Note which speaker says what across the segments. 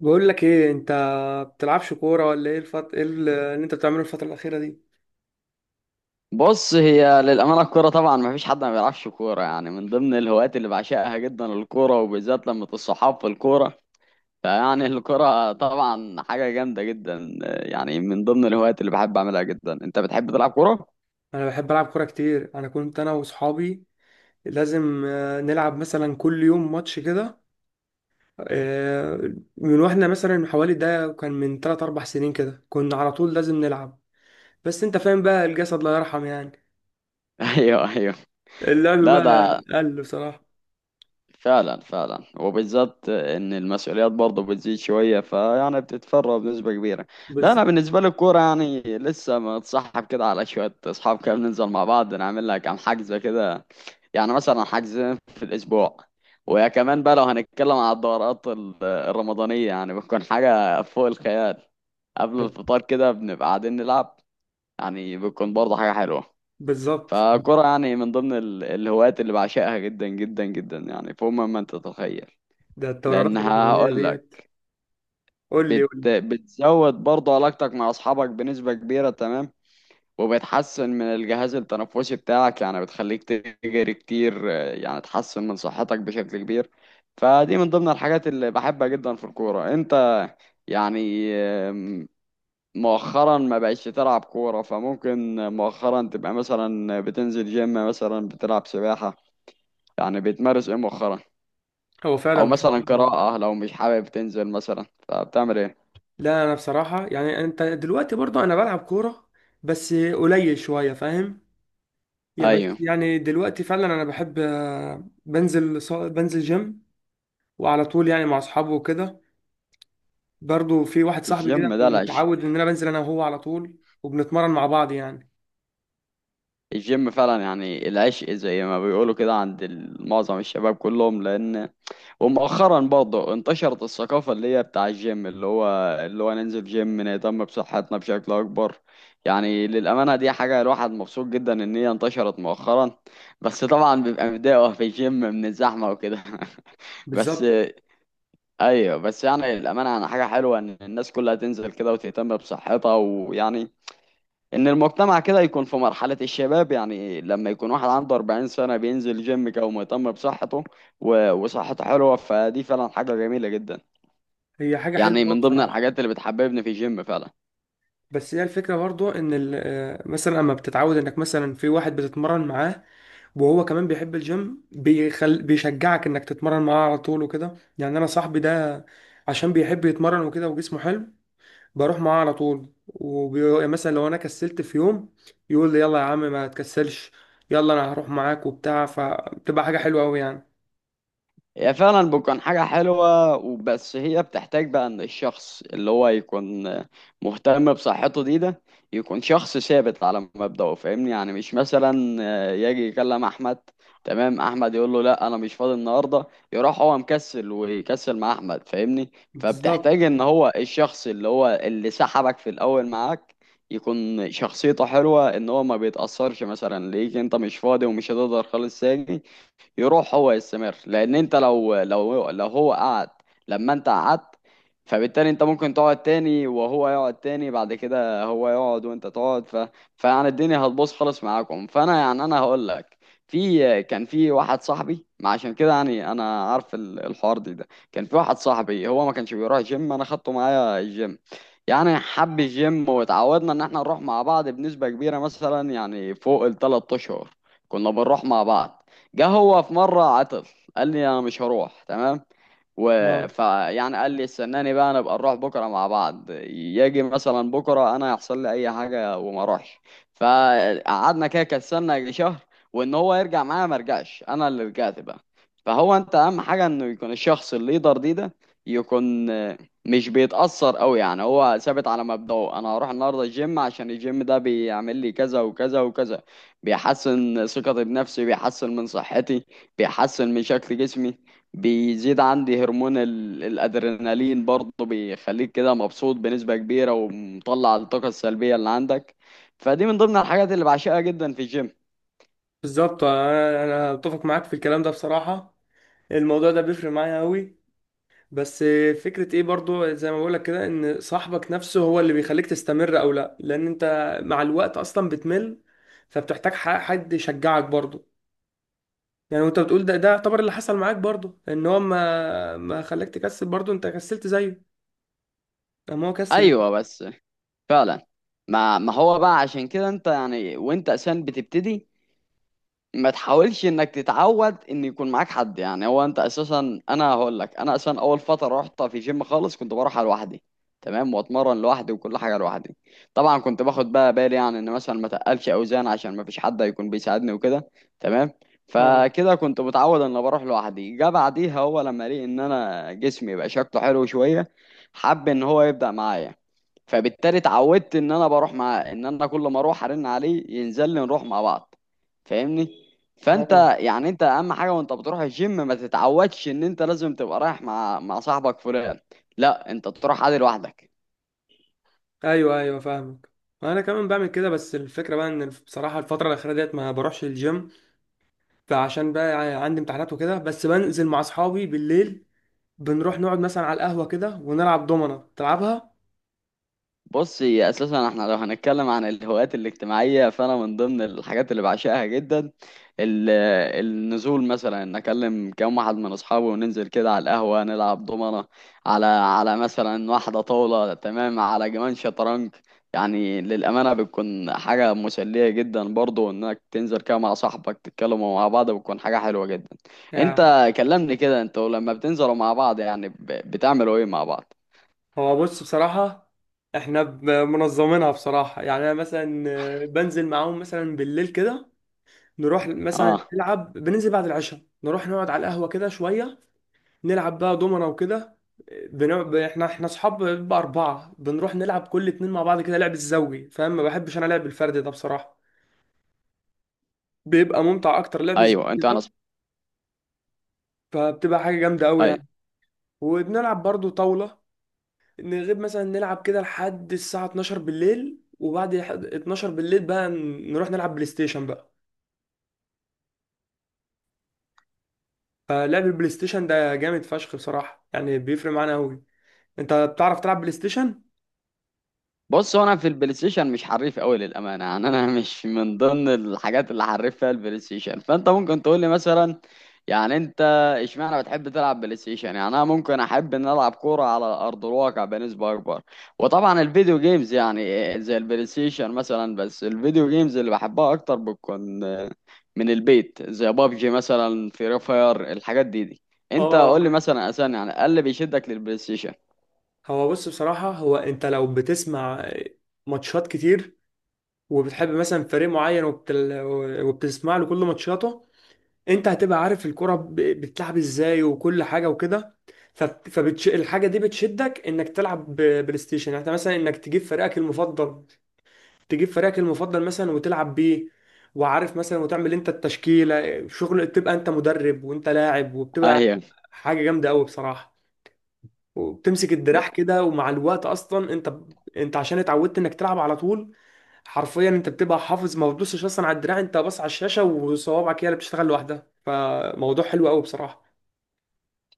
Speaker 1: بقول لك ايه، انت بتلعبش كوره ولا ايه؟ ايه اللي انت بتعمله الفتره الاخيره دي؟
Speaker 2: بص هي للأمانة الكورة طبعا ما فيش حد ما بيلعبش كورة يعني من ضمن الهوايات اللي بعشقها جدا الكورة وبالذات لما الصحاب في الكورة فيعني الكورة طبعا حاجة جامدة جدا يعني من ضمن الهوايات اللي بحب أعملها جدا. أنت بتحب تلعب كورة؟
Speaker 1: انا بحب العب كوره كتير. انا كنت انا واصحابي لازم، نلعب مثلا كل يوم ماتش كده. آه، من واحنا مثلا حوالي ده كان من 3 4 سنين كده، كنا على طول لازم نلعب. بس انت فاهم بقى، الجسد لا يرحم يعني.
Speaker 2: أيوه، أيوه.
Speaker 1: اللعب
Speaker 2: لا
Speaker 1: بقى
Speaker 2: ده
Speaker 1: قل بصراحه.
Speaker 2: فعلا وبالذات ان المسؤوليات برضه بتزيد شويه فيعني بتتفرغ بنسبه كبيره. لا
Speaker 1: بالظبط.
Speaker 2: انا بالنسبه لي الكوره يعني لسه متصاحب كده على شويه اصحاب كده بننزل مع بعض نعمل لها كام حجز كده، يعني مثلا حجزين في الاسبوع. ويا كمان بقى لو هنتكلم على الدورات الرمضانيه يعني بتكون حاجه فوق الخيال، قبل الفطار كده بنبقى قاعدين نلعب، يعني بتكون برضه حاجه حلوه.
Speaker 1: بالظبط.
Speaker 2: فكرة يعني من ضمن الهوايات اللي بعشقها جدا جدا جدا يعني فوق ما انت تتخيل.
Speaker 1: ده الدورات
Speaker 2: لانها
Speaker 1: الرمضانيه
Speaker 2: هقول
Speaker 1: ديت؟
Speaker 2: لك،
Speaker 1: قول لي، قول لي.
Speaker 2: بتزود برضه علاقتك مع اصحابك بنسبة كبيرة، تمام، وبتحسن من الجهاز التنفسي بتاعك، يعني بتخليك تجري كتير يعني تحسن من صحتك بشكل كبير. فدي من ضمن الحاجات اللي بحبها جدا في الكورة. انت يعني مؤخرا ما بقتش تلعب كورة فممكن مؤخرا تبقى مثلا بتنزل جيم، مثلا بتلعب سباحة، يعني بتمارس ايه مؤخرا؟
Speaker 1: هو فعلا
Speaker 2: او مثلا
Speaker 1: بصراحه.
Speaker 2: قراءة، لو مش حابب تنزل مثلا فبتعمل ايه؟
Speaker 1: لا، انا بصراحه يعني، انت دلوقتي برضه، انا بلعب كوره بس قليل شويه، فاهم؟ يا بس
Speaker 2: ايوه.
Speaker 1: يعني دلوقتي فعلا انا بحب، بنزل بنزل جيم، وعلى طول يعني مع اصحابي وكده. برضه في واحد صاحبي كده
Speaker 2: الجيم ده العشق.
Speaker 1: متعود ان انا بنزل انا وهو على طول، وبنتمرن مع بعض يعني.
Speaker 2: الجيم فعلا يعني العشق زي ما بيقولوا كده عند معظم الشباب كلهم، لان ومؤخرا برضه انتشرت الثقافة اللي هي بتاع الجيم، اللي هو ننزل جيم نهتم بصحتنا بشكل اكبر. يعني للأمانة دي حاجة الواحد مبسوط جدا ان هي انتشرت مؤخرا. بس طبعا بيبقى متضايق وهو في الجيم من الزحمة وكده بس
Speaker 1: بالظبط.
Speaker 2: ايوه، بس يعني الامانه انا حاجه حلوه ان الناس كلها تنزل كده وتهتم بصحتها، ويعني ان المجتمع كده يكون في مرحله الشباب. يعني لما يكون واحد عنده 40 سنه بينزل جيم كده ومهتم بصحته وصحته حلوه، فدي فعلا حاجه جميله جدا.
Speaker 1: هي حاجه حلوه
Speaker 2: يعني
Speaker 1: أوي
Speaker 2: من ضمن
Speaker 1: بصراحه.
Speaker 2: الحاجات اللي بتحببني في الجيم فعلا.
Speaker 1: بس هي الفكره برضه ان مثلا اما بتتعود انك مثلا في واحد بتتمرن معاه، وهو كمان بيحب الجيم، بيشجعك انك تتمرن معاه على طول وكده. يعني انا صاحبي ده عشان بيحب يتمرن وكده وجسمه حلو، بروح معاه على طول. ومثلا لو انا كسلت في يوم، يقول لي يلا يا عم ما تكسلش، يلا انا هروح معاك وبتاع، فبتبقى حاجة حلوة قوي يعني.
Speaker 2: هي فعلا بتكون حاجة حلوة، وبس هي بتحتاج بقى ان الشخص اللي هو يكون مهتم بصحته دي ده، يكون شخص ثابت على مبدأه، فاهمني؟ يعني مش مثلا يجي يكلم احمد، تمام، احمد يقول له لا انا مش فاضي النهاردة، يروح هو مكسل ويكسل مع احمد، فاهمني؟ فبتحتاج
Speaker 1: بالظبط.
Speaker 2: ان هو الشخص اللي هو اللي سحبك في الاول معاك يكون شخصيته حلوة، ان هو ما بيتأثرش مثلا ليك انت مش فاضي ومش هتقدر خالص تاجي، يروح هو يستمر. لان انت لو لو هو قعد لما انت قعدت، فبالتالي انت ممكن تقعد تاني وهو يقعد تاني، بعد كده هو يقعد وانت تقعد فيعني الدنيا هتبوظ خالص معاكم. فانا يعني انا هقول لك، كان في واحد صاحبي، ما عشان كده يعني انا عارف الحوار دي ده. كان في واحد صاحبي هو ما كانش بيروح جيم، انا خدته معايا الجيم، يعني حب الجيم واتعودنا ان احنا نروح مع بعض بنسبة كبيرة، مثلا يعني فوق ال3 اشهر كنا بنروح مع بعض. جه هو في مرة عطل، قال لي أنا مش هروح، تمام، و
Speaker 1: اه.
Speaker 2: فيعني قال لي استناني بقى نبقى نروح بكرة مع بعض، يجي مثلا بكرة أنا يحصل لي أي حاجة وما أروحش، فقعدنا كده كسلنا يجي شهر، وإن هو يرجع معايا ما رجعش، أنا اللي رجعت بقى. فهو أنت أهم حاجة إنه يكون الشخص الليدر دي ده، يكون مش بيتأثر أوي، يعني هو ثابت على مبدأه، أنا هروح النهاردة الجيم عشان الجيم ده بيعمل لي كذا وكذا وكذا، بيحسن ثقتي بنفسي، بيحسن من صحتي، بيحسن من شكل جسمي، بيزيد عندي هرمون الأدرينالين، برضه بيخليك كده مبسوط بنسبة كبيرة ومطلع الطاقة السلبية اللي عندك. فدي من ضمن الحاجات اللي بعشقها جدا في الجيم.
Speaker 1: بالظبط. انا اتفق معاك في الكلام ده بصراحة. الموضوع ده بيفرق معايا قوي. بس فكرة ايه برضو، زي ما بقولك كده، ان صاحبك نفسه هو اللي بيخليك تستمر او لا، لان انت مع الوقت اصلا بتمل، فبتحتاج حد يشجعك برضو. يعني وانت بتقول ده يعتبر اللي حصل معاك برضو، ان هو ما خلاك تكسل، برضو انت كسلت زيه اما هو كسل.
Speaker 2: أيوة بس. فعلا، ما هو بقى عشان كده انت يعني وانت أساسا بتبتدي ما تحاولش انك تتعود ان يكون معاك حد. يعني هو انت اساسا، انا هقول لك، انا اساسا اول فتره رحت في جيم خالص كنت بروح لوحدي، تمام، واتمرن لوحدي وكل حاجه لوحدي. طبعا كنت باخد بقى بالي يعني ان مثلا ما تقلش اوزان عشان ما فيش حد هيكون بيساعدني وكده، تمام.
Speaker 1: اه.
Speaker 2: فكده كنت متعود ان بروح لوحدي، جه بعديها هو لما لقي ان انا جسمي بقى شكله حلو شويه، حب ان هو يبدا معايا. فبالتالي اتعودت ان انا بروح، مع ان انا كل ما اروح ارن عليه ينزل لي نروح مع بعض، فاهمني؟
Speaker 1: اه.
Speaker 2: فانت يعني انت اهم حاجه وانت بتروح الجيم ما تتعودش ان انت لازم تبقى رايح مع صاحبك فلان، لا انت تروح عادي لوحدك.
Speaker 1: ايوه، ايوه، فاهمك. انا كمان بعمل كده. بس الفكره بقى ان بصراحه الفتره الاخيره ديت ما بروحش الجيم، فعشان بقى عندي امتحانات وكده، بس بنزل مع اصحابي بالليل. بنروح نقعد مثلا على القهوة كده ونلعب دومنة تلعبها.
Speaker 2: بص هي اساسا احنا لو هنتكلم عن الهوايات الاجتماعيه فانا من ضمن الحاجات اللي بعشقها جدا ال- النزول، مثلا ان اكلم كام واحد من اصحابي وننزل كده على القهوه نلعب دومنه على مثلا واحده طاوله، تمام، على كمان شطرنج. يعني للامانه بتكون حاجه مسليه جدا برضو انك تنزل كده مع صاحبك تتكلموا مع بعض، بتكون حاجه حلوه جدا.
Speaker 1: يا.
Speaker 2: انت كلمني كده، انتوا لما بتنزلوا مع بعض يعني بتعملوا ايه مع بعض؟
Speaker 1: هو بص بصراحة، احنا منظمينها بصراحة، يعني انا مثلا بنزل معاهم مثلا بالليل كده، نروح مثلا
Speaker 2: اه،
Speaker 1: نلعب، بننزل بعد العشاء نروح نقعد على القهوة كده شوية، نلعب بقى دومنة وكده. بنقعد احنا اصحاب بقى أربعة، بنروح نلعب كل اتنين مع بعض كده، لعب الزوجي فاهم؟ ما بحبش انا لعب الفردي ده بصراحة، بيبقى ممتع اكتر لعب
Speaker 2: ايوه.
Speaker 1: الزوجي
Speaker 2: انتوا انا،
Speaker 1: ده، فبتبقى حاجة جامدة قوي يعني. وبنلعب برضو طاولة. نغيب مثلا نلعب كده لحد الساعة 12 بالليل، وبعد 12 بالليل بقى نروح نلعب بلاي ستيشن بقى. فلعب البلاي ستيشن ده جامد فشخ بصراحة، يعني بيفرق معانا أوي. أنت بتعرف تلعب بلاي ستيشن؟
Speaker 2: بص هو انا في البلاي ستيشن مش حريف قوي للامانه، يعني انا مش من ضمن الحاجات اللي حريف فيها البلاي ستيشن. فانت ممكن تقول لي مثلا، يعني انت اشمعنى بتحب تلعب بلاي ستيشن؟ يعني انا ممكن احب ان العب كوره على ارض الواقع بنسبه اكبر. وطبعا الفيديو جيمز يعني زي البلاي ستيشن مثلا، بس الفيديو جيمز اللي بحبها اكتر بتكون من البيت، زي بابجي مثلا، فري فاير، الحاجات دي دي. انت
Speaker 1: اه.
Speaker 2: قول لي مثلا اساسا يعني إيه اللي بيشدك للبلاي ستيشن؟
Speaker 1: هو بص بصراحة، هو أنت لو بتسمع ماتشات كتير، وبتحب مثلا فريق معين، وبتسمع له كل ماتشاته، انت هتبقى عارف الكرة بتلعب ازاي وكل حاجة وكده. الحاجة دي بتشدك انك تلعب بلاي ستيشن، يعني انت مثلا انك تجيب فريقك المفضل، تجيب فريقك المفضل مثلا وتلعب بيه، وعارف مثلا وتعمل انت التشكيلة، شغل تبقى انت مدرب وانت لاعب، وبتبقى
Speaker 2: ايوه.
Speaker 1: حاجة جامدة قوي بصراحة. وبتمسك الدراع كده، ومع الوقت اصلا انت عشان اتعودت انك تلعب على طول، حرفيا انت بتبقى حافظ، ما بتبصش اصلا على الدراع، انت بص على الشاشة وصوابعك هي اللي بتشتغل لوحدها، فموضوع حلو قوي بصراحة.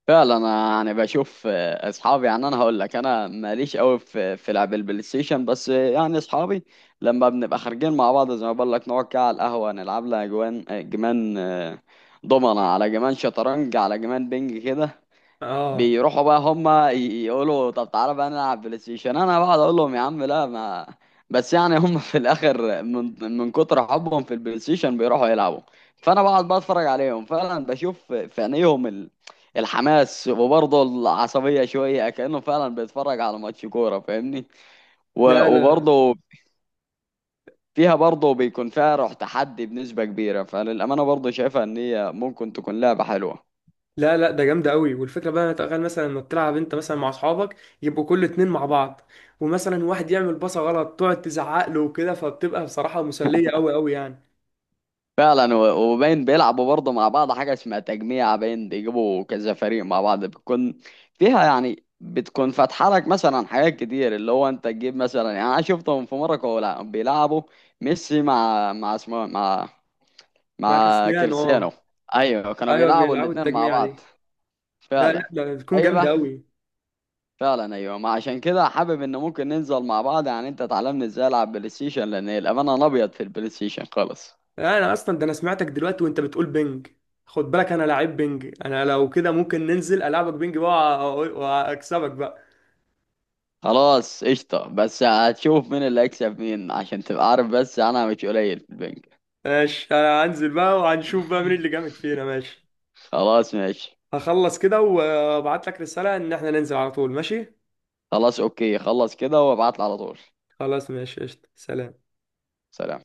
Speaker 2: فعلا انا يعني بشوف اصحابي، يعني انا هقول لك انا ماليش قوي في لعب البلاي ستيشن، بس يعني اصحابي لما بنبقى خارجين مع بعض زي ما بقول لك نقعد كده على القهوه نلعب لها جوان آه، جمان آه، دومنه على جمان، شطرنج على جمان، بينج كده.
Speaker 1: اه.
Speaker 2: بيروحوا بقى هما يقولوا طب تعالى بقى نلعب بلاي ستيشن، انا بقعد اقول لهم يا عم لا ما، بس يعني هم في الاخر من كتر حبهم في البلاي ستيشن بيروحوا يلعبوا. فانا بقعد بقى اتفرج عليهم، فعلا بشوف في عينيهم الحماس وبرضه العصبية شوية، كأنه فعلا بيتفرج على ماتش كورة، فاهمني؟
Speaker 1: لا، لا.
Speaker 2: وبرضه فيها برضه بيكون فيها روح تحدي بنسبة كبيرة، فللأمانة برضه شايفها إن هي ممكن تكون لعبة حلوة.
Speaker 1: لا، لا، ده جامده قوي. والفكره بقى تخيل مثلا انك تلعب انت مثلا مع اصحابك، يبقوا كل اتنين مع بعض، ومثلا واحد يعمل باصه غلط تقعد تزعق له وكده، فبتبقى بصراحه مسليه قوي قوي يعني.
Speaker 2: فعلا وباين بيلعبوا برضه مع بعض حاجة اسمها تجميع، باين بيجيبوا كذا فريق مع بعض بتكون فيها، يعني بتكون فاتحة لك مثلا حاجات كتير، اللي هو انت تجيب مثلا، يعني انا شفتهم في مرة كانوا بيلعبوا ميسي مع اسمه مع
Speaker 1: مع كريستيانو،
Speaker 2: كريستيانو.
Speaker 1: اه.
Speaker 2: ايوه كانوا
Speaker 1: ايوه
Speaker 2: بيلعبوا
Speaker 1: بيلعبوا
Speaker 2: الاتنين مع
Speaker 1: التجميع
Speaker 2: بعض.
Speaker 1: دي. ده، لا،
Speaker 2: فعلا،
Speaker 1: ده بتكون جامده
Speaker 2: ايوه،
Speaker 1: قوي.
Speaker 2: فعلا ايوه، ما عشان كده حابب ان ممكن ننزل مع بعض، يعني انت تعلمني ازاي العب بلاي ستيشن، لان الامانة انا ابيض في البلاي ستيشن خالص.
Speaker 1: انا اصلا ده، انا سمعتك دلوقتي وانت بتقول بينج. خد بالك انا لعيب بينج، انا لو كده ممكن ننزل العبك بينج بقى، واكسبك بقى.
Speaker 2: خلاص قشطة، بس هتشوف مين اللي هيكسب مين عشان تبقى عارف، بس انا مش قليل في البنك.
Speaker 1: ماشي، انا هنزل بقى وهنشوف بقى مين اللي جامد فينا. ماشي،
Speaker 2: خلاص ماشي.
Speaker 1: هخلص كده وابعت لك رسالة ان احنا ننزل على طول. ماشي،
Speaker 2: خلاص اوكي، خلص كده وابعتلي على طول.
Speaker 1: خلاص ماشي، قشطة، سلام.
Speaker 2: سلام.